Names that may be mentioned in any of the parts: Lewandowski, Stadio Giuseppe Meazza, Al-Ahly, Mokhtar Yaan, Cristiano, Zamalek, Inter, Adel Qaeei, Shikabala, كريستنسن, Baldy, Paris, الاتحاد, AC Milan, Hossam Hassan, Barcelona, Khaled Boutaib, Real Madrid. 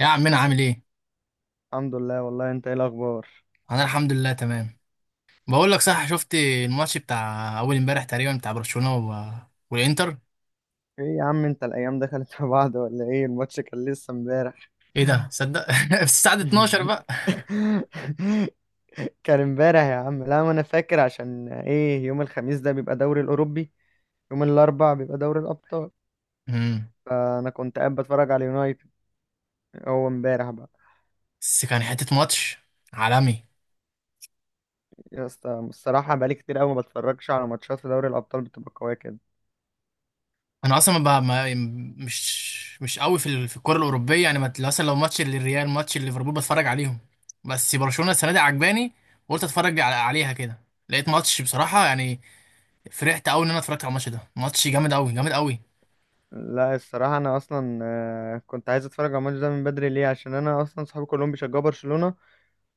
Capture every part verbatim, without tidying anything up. يا عمنا عامل ايه؟ الحمد لله. والله انت ايه الاخبار؟ انا الحمد لله تمام. بقول لك صح، شفت الماتش بتاع اول امبارح تقريبا بتاع برشلونة و... والانتر؟ ايه يا عم، انت الايام دخلت في بعض ولا ايه؟ الماتش كان لسه امبارح ايه ده صدق! في الساعة اتناشر بقى. كان امبارح يا عم، لا ما انا فاكر عشان ايه، يوم الخميس ده بيبقى دوري الاوروبي، يوم الاربع بيبقى دوري الابطال، امم فانا كنت قاعد بتفرج على اليونايتد. هو امبارح بقى. بس كان حتة ماتش عالمي. يا اسطى الصراحه بقالي كتير قوي ما بتفرجش على ماتشات في دوري الابطال، بتبقى قويه كده. انا اصلا ما ب- ما مش مش قوي في ال- في الكرة الأوروبية، يعني ما مثلا لو ماتش للريال، ماتش ليفربول، بتفرج عليهم. بس برشلونة السنة دي عجباني، وقلت اتفرج على- عليها كده. لقيت ماتش بصراحة يعني، فرحت قوي ان انا اتفرجت على الماتش ده. ماتش جامد قوي، جامد قوي. لا الصراحه انا اصلا آه، كنت عايز اتفرج على الماتش ده من بدري، ليه؟ عشان انا اصلا صحابي كلهم بيشجعوا برشلونه،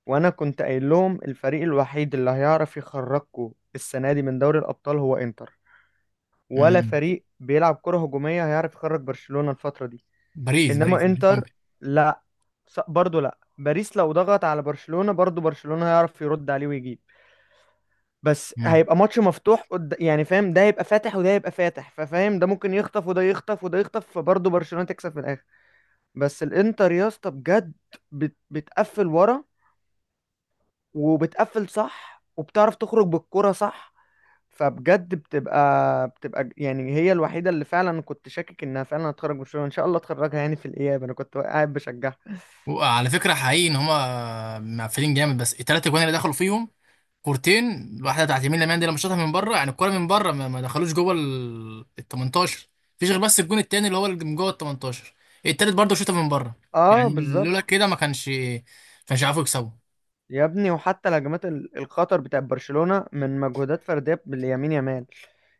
وانا كنت قايل لهم الفريق الوحيد اللي هيعرف يخرجكم السنه دي من دوري الابطال هو انتر، ولا امم فريق بيلعب كره هجوميه هيعرف يخرج برشلونه الفتره دي باريس باريس انما باريس انتر. ممكن. لا، س- برضه لا، باريس لو ضغط على برشلونه برضه برشلونه هيعرف يرد عليه ويجيب، بس مم. هيبقى ماتش مفتوح قد... يعني فاهم، ده يبقى فاتح وده يبقى فاتح، ففاهم ده ممكن يخطف وده يخطف وده يخطف، فبرضه برشلونه تكسب في الاخر. بس الانتر يا اسطى بجد بت... بتقفل ورا، وبتقفل صح، وبتعرف تخرج بالكرة صح، فبجد بتبقى بتبقى ج- يعني هي الوحيده اللي فعلا كنت شاكك انها فعلا هتخرج من الشغل، ان شاء الله تخرجها يعني في الاياب، انا كنت قاعد بشجعها. وعلى فكره، حقيقي ان هما مقفلين جامد، بس الثلاثه جوان اللي دخلوا فيهم كورتين، واحده بتاعت يمين لمال دي لما شاطها من بره يعني، الكوره من بره ما ما دخلوش جوه ال ال تمنتاشر. مفيش غير بس الجون التاني اللي هو اللي من جوه ال تمنتاشر. التالت برضه شاطها من بره. اه يعني بالظبط. لولا كده، ما كانش ما كانش عارفوا يكسبوا. يا ابني وحتى الهجمات ال- الخطر بتاع برشلونه من مجهودات فرديه باليمين يامال،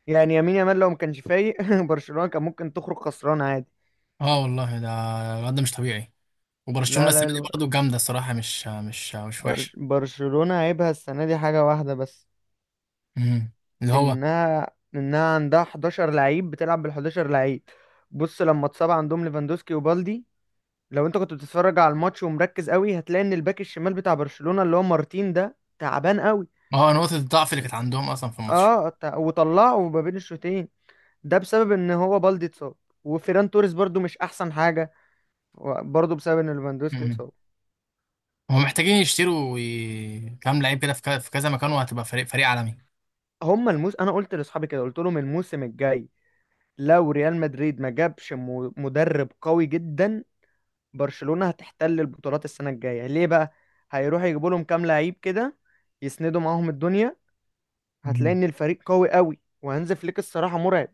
يعني يمين يامال لو ما كانش فايق برشلونه كان ممكن تخرج خسران عادي. اه والله، ده الواد ده مش طبيعي. وبرشلونه لا لا السنه دي الو- برضه جامده الصراحه، مش مش مش برش... وحشه. برشلونه عيبها السنه دي حاجه واحده بس، مم. اللي هو انها انها عندها حداشر لعيب، بتلعب بال حداشر لعيب. بص لما اتصاب عندهم ليفاندوسكي وبالدي، لو انت كنت بتتفرج على الماتش ومركز قوي هتلاقي ان الباك الشمال بتاع برشلونة اللي هو مارتين ده تعبان قوي. اه، نقطه الضعف اللي كانت عندهم اصلا في الماتش. اه تع- وطلعه ما بين الشوطين، ده بسبب ان هو بالدي اتصاب، وفيران توريس برضو مش احسن حاجة، برضو بسبب ان ليفاندوسكي اتصاب. هم محتاجين يشتروا ي- كام لعيب كده في ك- في كذا مكان، وهتبقى فريق فريق عالمي. هما الموس انا قلت لاصحابي كده، قلت لهم الموسم الجاي لو ريال مدريد ما جابش م- مدرب قوي جدا، برشلونة هتحتل البطولات السنة الجاية. ليه بقى؟ هيروحوا يجيبوا لهم كام لعيب كده يسندوا معاهم الدنيا، هتلاقي مم. ان الفريق قوي قوي. وهانز فليك الصراحه مرعب.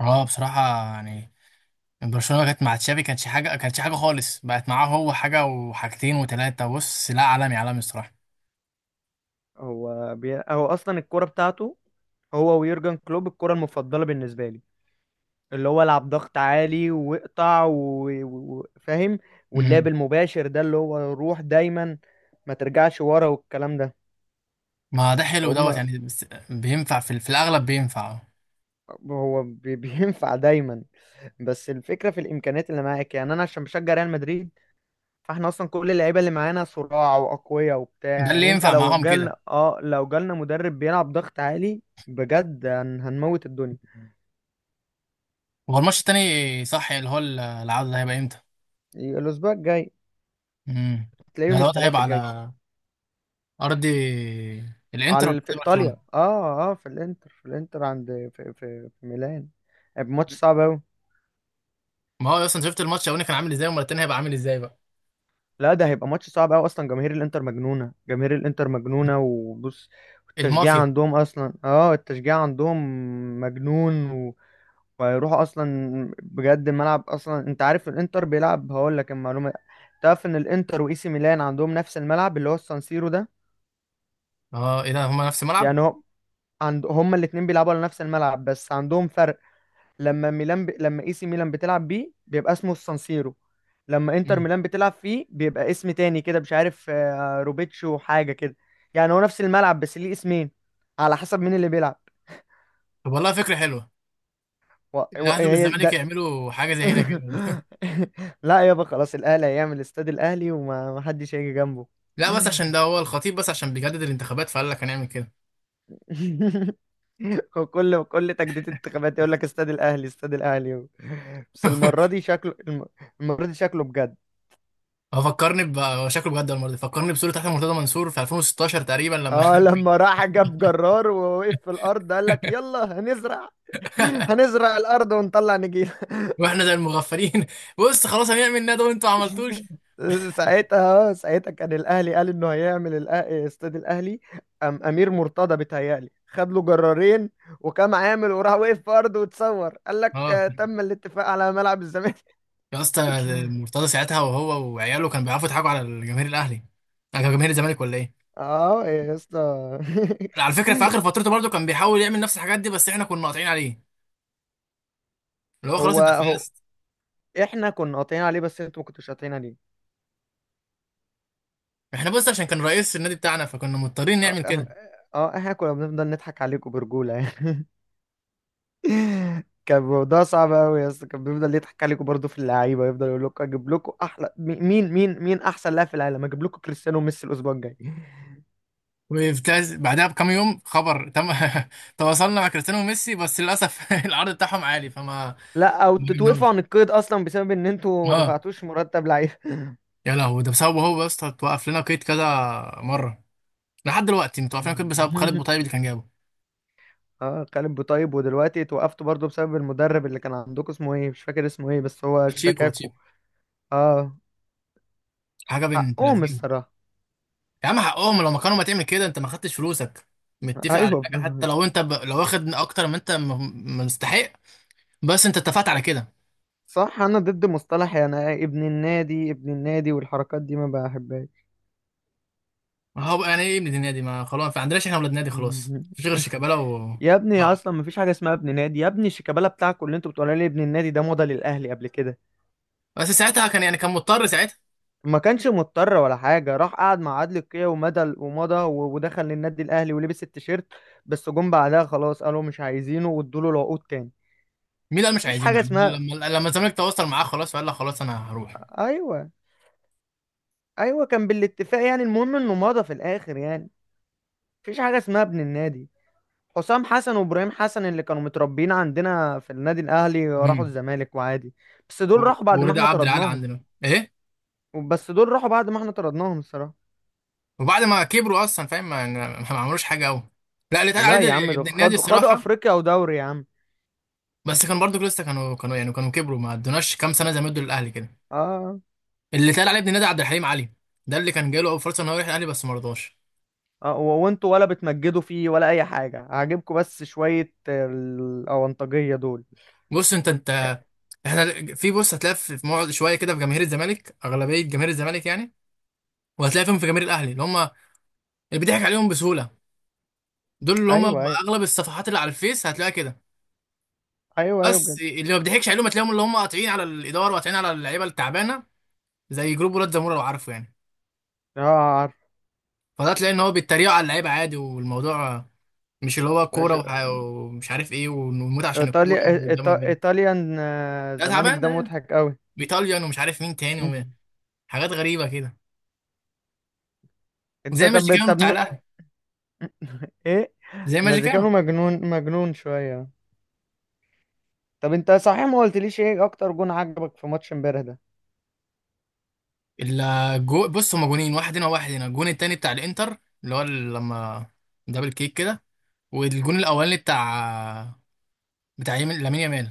اه بصراحة، يعني برشلونة كانت مع تشافي كانتش حاجة، كانتش حاجة خالص، بقت معاه هو حاجة وحاجتين وتلاتة. بص لا، عالمي عالمي الصراحة. هو بي... هو اصلا الكوره بتاعته هو ويورجن كلوب الكرة المفضلة بالنسبة لي، اللي هو العب ضغط عالي واقطع وفاهم و... و- و- فاهم؟ واللعب مم. المباشر ده اللي هو روح دايما، ما ترجعش ورا والكلام ده. ما ده حلو دوت فهم. يعني، بس بينفع في, ال- في الأغلب بينفع. هو بي... بينفع دايما. بس الفكرة في الإمكانيات اللي معاك، يعني أنا عشان بشجع ريال مدريد، فاحنا اصلا كل اللعيبه اللي معانا صراع واقوياء وبتاع، ده اللي يعني انت ينفع لو معاهم جالنا كده. اه لو جالنا مدرب بيلعب ضغط عالي بجد هن- هنموت الدنيا. هو الماتش التاني صح، اللي هو ال- العودة ده هيبقى امتى؟ الاسبوع الجاي. مم. تلاقيه ده يوم دوت الثلاثاء هيبقى الجاي. على أرض الإنتر ولا على في أرض برشلونة؟ ايطاليا، اه اه، في الانتر، في الانتر، عند في في, في ميلان. هيبقى ماتش صعب قوي. ما هو أصلا شفت الماتش الأولاني كان عامل ازاي، والمرة التانية هيبقى عامل ازاي بقى. لا ده هيبقى ماتش صعب قوي، اصلا جماهير الانتر مجنونه، جماهير الانتر مجنونه. وبص، التشجيع المافيا. عندهم اصلا، اه التشجيع عندهم مجنون، ويروحوا اصلا بجد الملعب. اصلا انت عارف الانتر بيلعب، هقول لك المعلومه، تعرف ان الانتر واي سي ميلان عندهم نفس الملعب اللي هو السانسيرو ده؟ اه ايه ده، هما نفس الملعب! يعني هو عند هما الاثنين بيلعبوا على نفس الملعب، بس عندهم فرق، لما ميلان ب... لما اي سي ميلان بتلعب بيه بيبقى اسمه السانسيرو، لما انتر مم. ميلان بتلعب فيه بيبقى اسم تاني كده مش عارف آه، روبيتشو حاجه كده. يعني هو نفس الملعب بس ليه اسمين على حسب مين اللي بيلعب. طب والله فكره حلوه، و... و... الاهلي هي والزمالك ده. يعملوا حاجه زي هنا كده لا يابا خلاص، الاهلي هيعمل استاد الاهلي وما ما حدش هيجي جنبه. لا بس عشان ده هو الخطيب، بس عشان بيجدد الانتخابات فقال لك هنعمل كده. وكل كل تجديد انتخابات يقول لك استاد الاهلي استاد الاهلي، بس المره دي شكله الم- المره دي شكله بجد. هو فكرني ب هو شكله بجد المره دي، فكرني بصوره تحت مرتضى منصور في الفين وستاشر تقريبا لما اه لما راح جاب جرار ووقف في الارض قال لك يلا هنزرع هنزرع الارض ونطلع نجيل. واحنا زي المغفلين بص خلاص، هنعمل ندوه وانتوا ما عملتوش. ساعتها آه، ساعتها كان الاهلي قال انه هيعمل الأ- استاد الاهلي، أم امير مرتضى بيتهيألي خد له جرارين، وكان عامل وراح وقف في ارضه وتصور قال لك اه آه، تم الاتفاق على ملعب الزمالك. يا اسطى، مرتضى ساعتها وهو وعياله كانوا بيعرفوا يضحكوا على جماهير الاهلي، على جماهير الزمالك، ولا ايه؟ اه يا اسطى. على فكره في اخر فترته برضه كان بيحاول يعمل نفس الحاجات دي، بس احنا كنا قاطعين عليه، اللي هو خلاص هو انت هو اتفقست. احنا كنا قاطعين عليه بس انتوا ما كنتوش قاطعين عليه. احنا بص، عشان كان رئيس النادي بتاعنا فكنا مضطرين اه نعمل احنا، كده. اه احنا كنا بنفضل نضحك عليكم برجولة يعني كان الموضوع صعب قوي يا اسطى، كان بيفضل يضحك عليكم برضه في اللعيبه، يفضل يقول لكم اجيب لكم احلى مي- مين مين مين احسن لاعب في العالم، اجيب لكم كريستيانو وميسي الاسبوع الجاي. وبتاز- بعدها بكام يوم خبر تم: تواصلنا مع كريستيانو وميسي بس للاسف العرض بتاعهم عالي، فما لا او ما تتوقفوا جبناهمش. عن القيد اصلا بسبب ان انتوا ما اه. دفعتوش مرتب لعيبه. يا لهوي، ده بسببه هو يا اسطى، اتوقف لنا قيد كذا مره. لحد دلوقتي متوقف لنا قيد بسبب خالد بوطيب اللي كان جابه. اه خالد بوطيب، ودلوقتي اتوقفتوا برضه بسبب المدرب اللي كان عندكم اسمه ايه مش فاكر اسمه ايه، بس هو باتشيكو اشتكاكوا. باتشيكو، اه حاجه بنت حقهم لذينه. الصراحه. يا عم حقهم، لو ما كانوا ما تعمل كده، انت ما خدتش فلوسك، متفق على ايوه حاجه؟ حتى لو انت ب... لو واخد اكتر ما انت م- مستحق، بس انت اتفقت على كده. صح، انا ضد مصطلح يعني إيه، ابن النادي ابن النادي والحركات دي ما بحبهاش. ما هو يعني ايه ابن نادي؟ ما خلاص، ما عندناش احنا ولاد نادي، خلاص مفيش غير شيكابالا و... يا ابني آه. اصلا مفيش حاجه اسمها ابن نادي، يا ابني شيكابالا بتاعكوا اللي انتوا بتقولوا لي ابن النادي ده مضى للاهلي قبل كده، بس ساعتها كان، يعني كان مضطر ساعتها. ما كانش مضطر ولا حاجه، راح قعد مع عادل قيعي ومضى ومضى و- ودخل للنادي الاهلي ولبس التيشيرت، بس جم بعدها خلاص قالوا مش عايزينه وادوا له العقود تاني. مين قال مش مفيش عايزينه؟ حاجه يعني اسمها. لما لما الزمالك تواصل معاه خلاص فقال لا خلاص انا هروح. ايوه، ايوه، كان بالاتفاق يعني، المهم انه مضى في الاخر يعني. مفيش حاجه اسمها ابن النادي، حسام حسن وابراهيم حسن اللي كانوا متربيين عندنا في النادي الاهلي راحوا امم الزمالك وعادي. بس دول و- راحوا بعد ما ورضا احنا عبد العال طردناهم. عندنا ايه؟ بس دول راحوا بعد ما احنا طردناهم الصراحة. وبعد ما كبروا اصلا فاهم، ما, ما ما عملوش حاجه قوي. لا، اللي اتقال عليه لا ده يا عم دول ابن النادي خدوا خدوا الصراحه، افريقيا ودوري يا عم. بس كان برضو لسه كانوا كانوا يعني كانوا كبروا، ما ادوناش كام سنه زي ما ادوا للاهلي كده. اه. اللي اتقال عليه ابن النادي عبد الحليم علي، ده اللي كان جاي له اول فرصه ان هو يروح الاهلي بس ما رضاش. آه، و- وانتوا ولا بتمجدوا فيه ولا اي حاجة عاجبكم، بس شوية الاونطاجية دول. بص انت انت، احنا في، بص، هتلاقي في في مقعد شويه كده في جماهير الزمالك، اغلبيه جماهير الزمالك يعني، وهتلاقي فيهم في جماهير الاهلي اللي هم اللي بيضحك عليهم بسهوله، دول اللي هم ايوه ايوه. اغلب الصفحات اللي على الفيس هتلاقيها كده. ايوه ايوه بس بجد. اللي ما بيضحكش عليهم هتلاقيهم اللي هم قاطعين على الاداره وقاطعين على اللعيبه التعبانه، زي جروب ولاد زموره لو عارفه يعني. اه عارف. فده تلاقي ان هو بيتريقوا على اللعيبه عادي، والموضوع مش اللي هو كوره ماشي. وح- ومش عارف ايه، ونموت عشان الكوره ايطاليا والدم إيطا... ده. ايطاليان، آه، ده زمالك، تعبان ده ده، مضحك قوي. ايطاليان ومش عارف مين تاني مهم. وحاجات غريبه كده، انت زي ما طب كانوا طب بتاع ن- الاهلي، ايه. زي ماجيكانو. مزيكانو مجنون مجنون شويه. طب انت صحيح ما قلتليش ايه اكتر جون عجبك في ماتش امبارح ده؟ الجو بص، هما جونين: واحد هنا وواحد هنا. الجون التاني بتاع الانتر، اللي هو لما دبل كيك كده. والجون الاولاني بتاع بتاع يمين لامين يامال،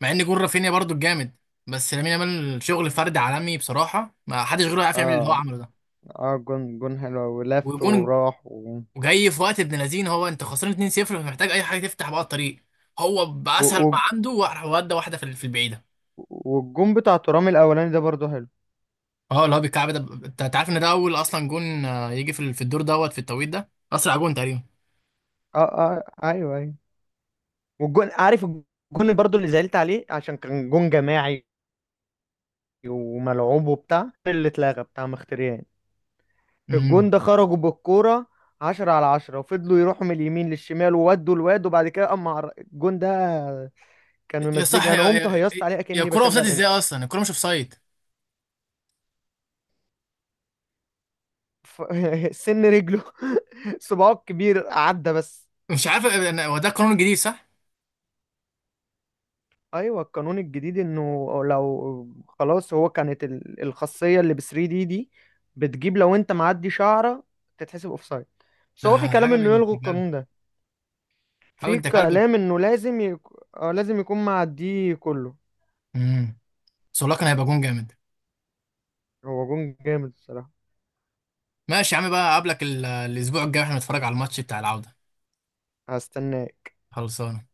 مع ان جون رافينيا برضو الجامد، بس لامين يامال شغل فرد عالمي بصراحه، ما حدش غيره يعرف يعمل اه اللي هو عمله ده. اه، جون جون حلو، ولف وجون وراح و... جاي في وقت ابن لذين، هو انت خسران اتنين صفر فمحتاج اي حاجه تفتح بقى الطريق، هو و... باسهل ما و... عنده وراح ودى واحده في ال- في البعيده. والجون بتاع ترام الاولاني ده برضو حلو. اه، اللي هو بالكعب ده، ب- انت أنت عارف ان ده اول اصلا جون، آه، يجي في ال- في الدور دوت، في التوقيت ده اسرع جون تقريبا. اه اه. ايوه ايوه. والجون، عارف الجون برضو اللي زعلت عليه، عشان كان جون جماعي وملعوب وبتاع، اللي اتلغى بتاع مختريان، امم الجون ده خرجوا بالكورة عشرة على عشرة وفضلوا يروحوا من اليمين للشمال وودوا الواد، وبعد كده اما عر... الجون ده كان يا صح ممزجني، انا يا قمت يا, هيصت عليه يا اكني كرة بشجع اوفسايد، ازاي الانتر. اصلا الكرة مش اوفسايد؟ ف... سن رجله، صباعه الكبير عدى بس. مش عارف انا، هو ده القانون الجديد صح؟ ايوه، القانون الجديد انه لو خلاص هو كانت ال- الخاصيه اللي ب تلاتة دي دي بتجيب لو انت معدي شعره تتحسب اوفسايد، بس ده هو في كلام حاجة انه بنت يلغوا كلب، القانون ده. حاجة في بنت كلب. كلام انه لازم يك... آه، لازم يكون معديه كله. امم سولاكا هيبقى جون جامد. هو جون جامد الصراحه. ماشي يا عم بقى، اقابلك ال- الاسبوع الجاي واحنا نتفرج على الماتش بتاع العودة. هستناه. خلصانة.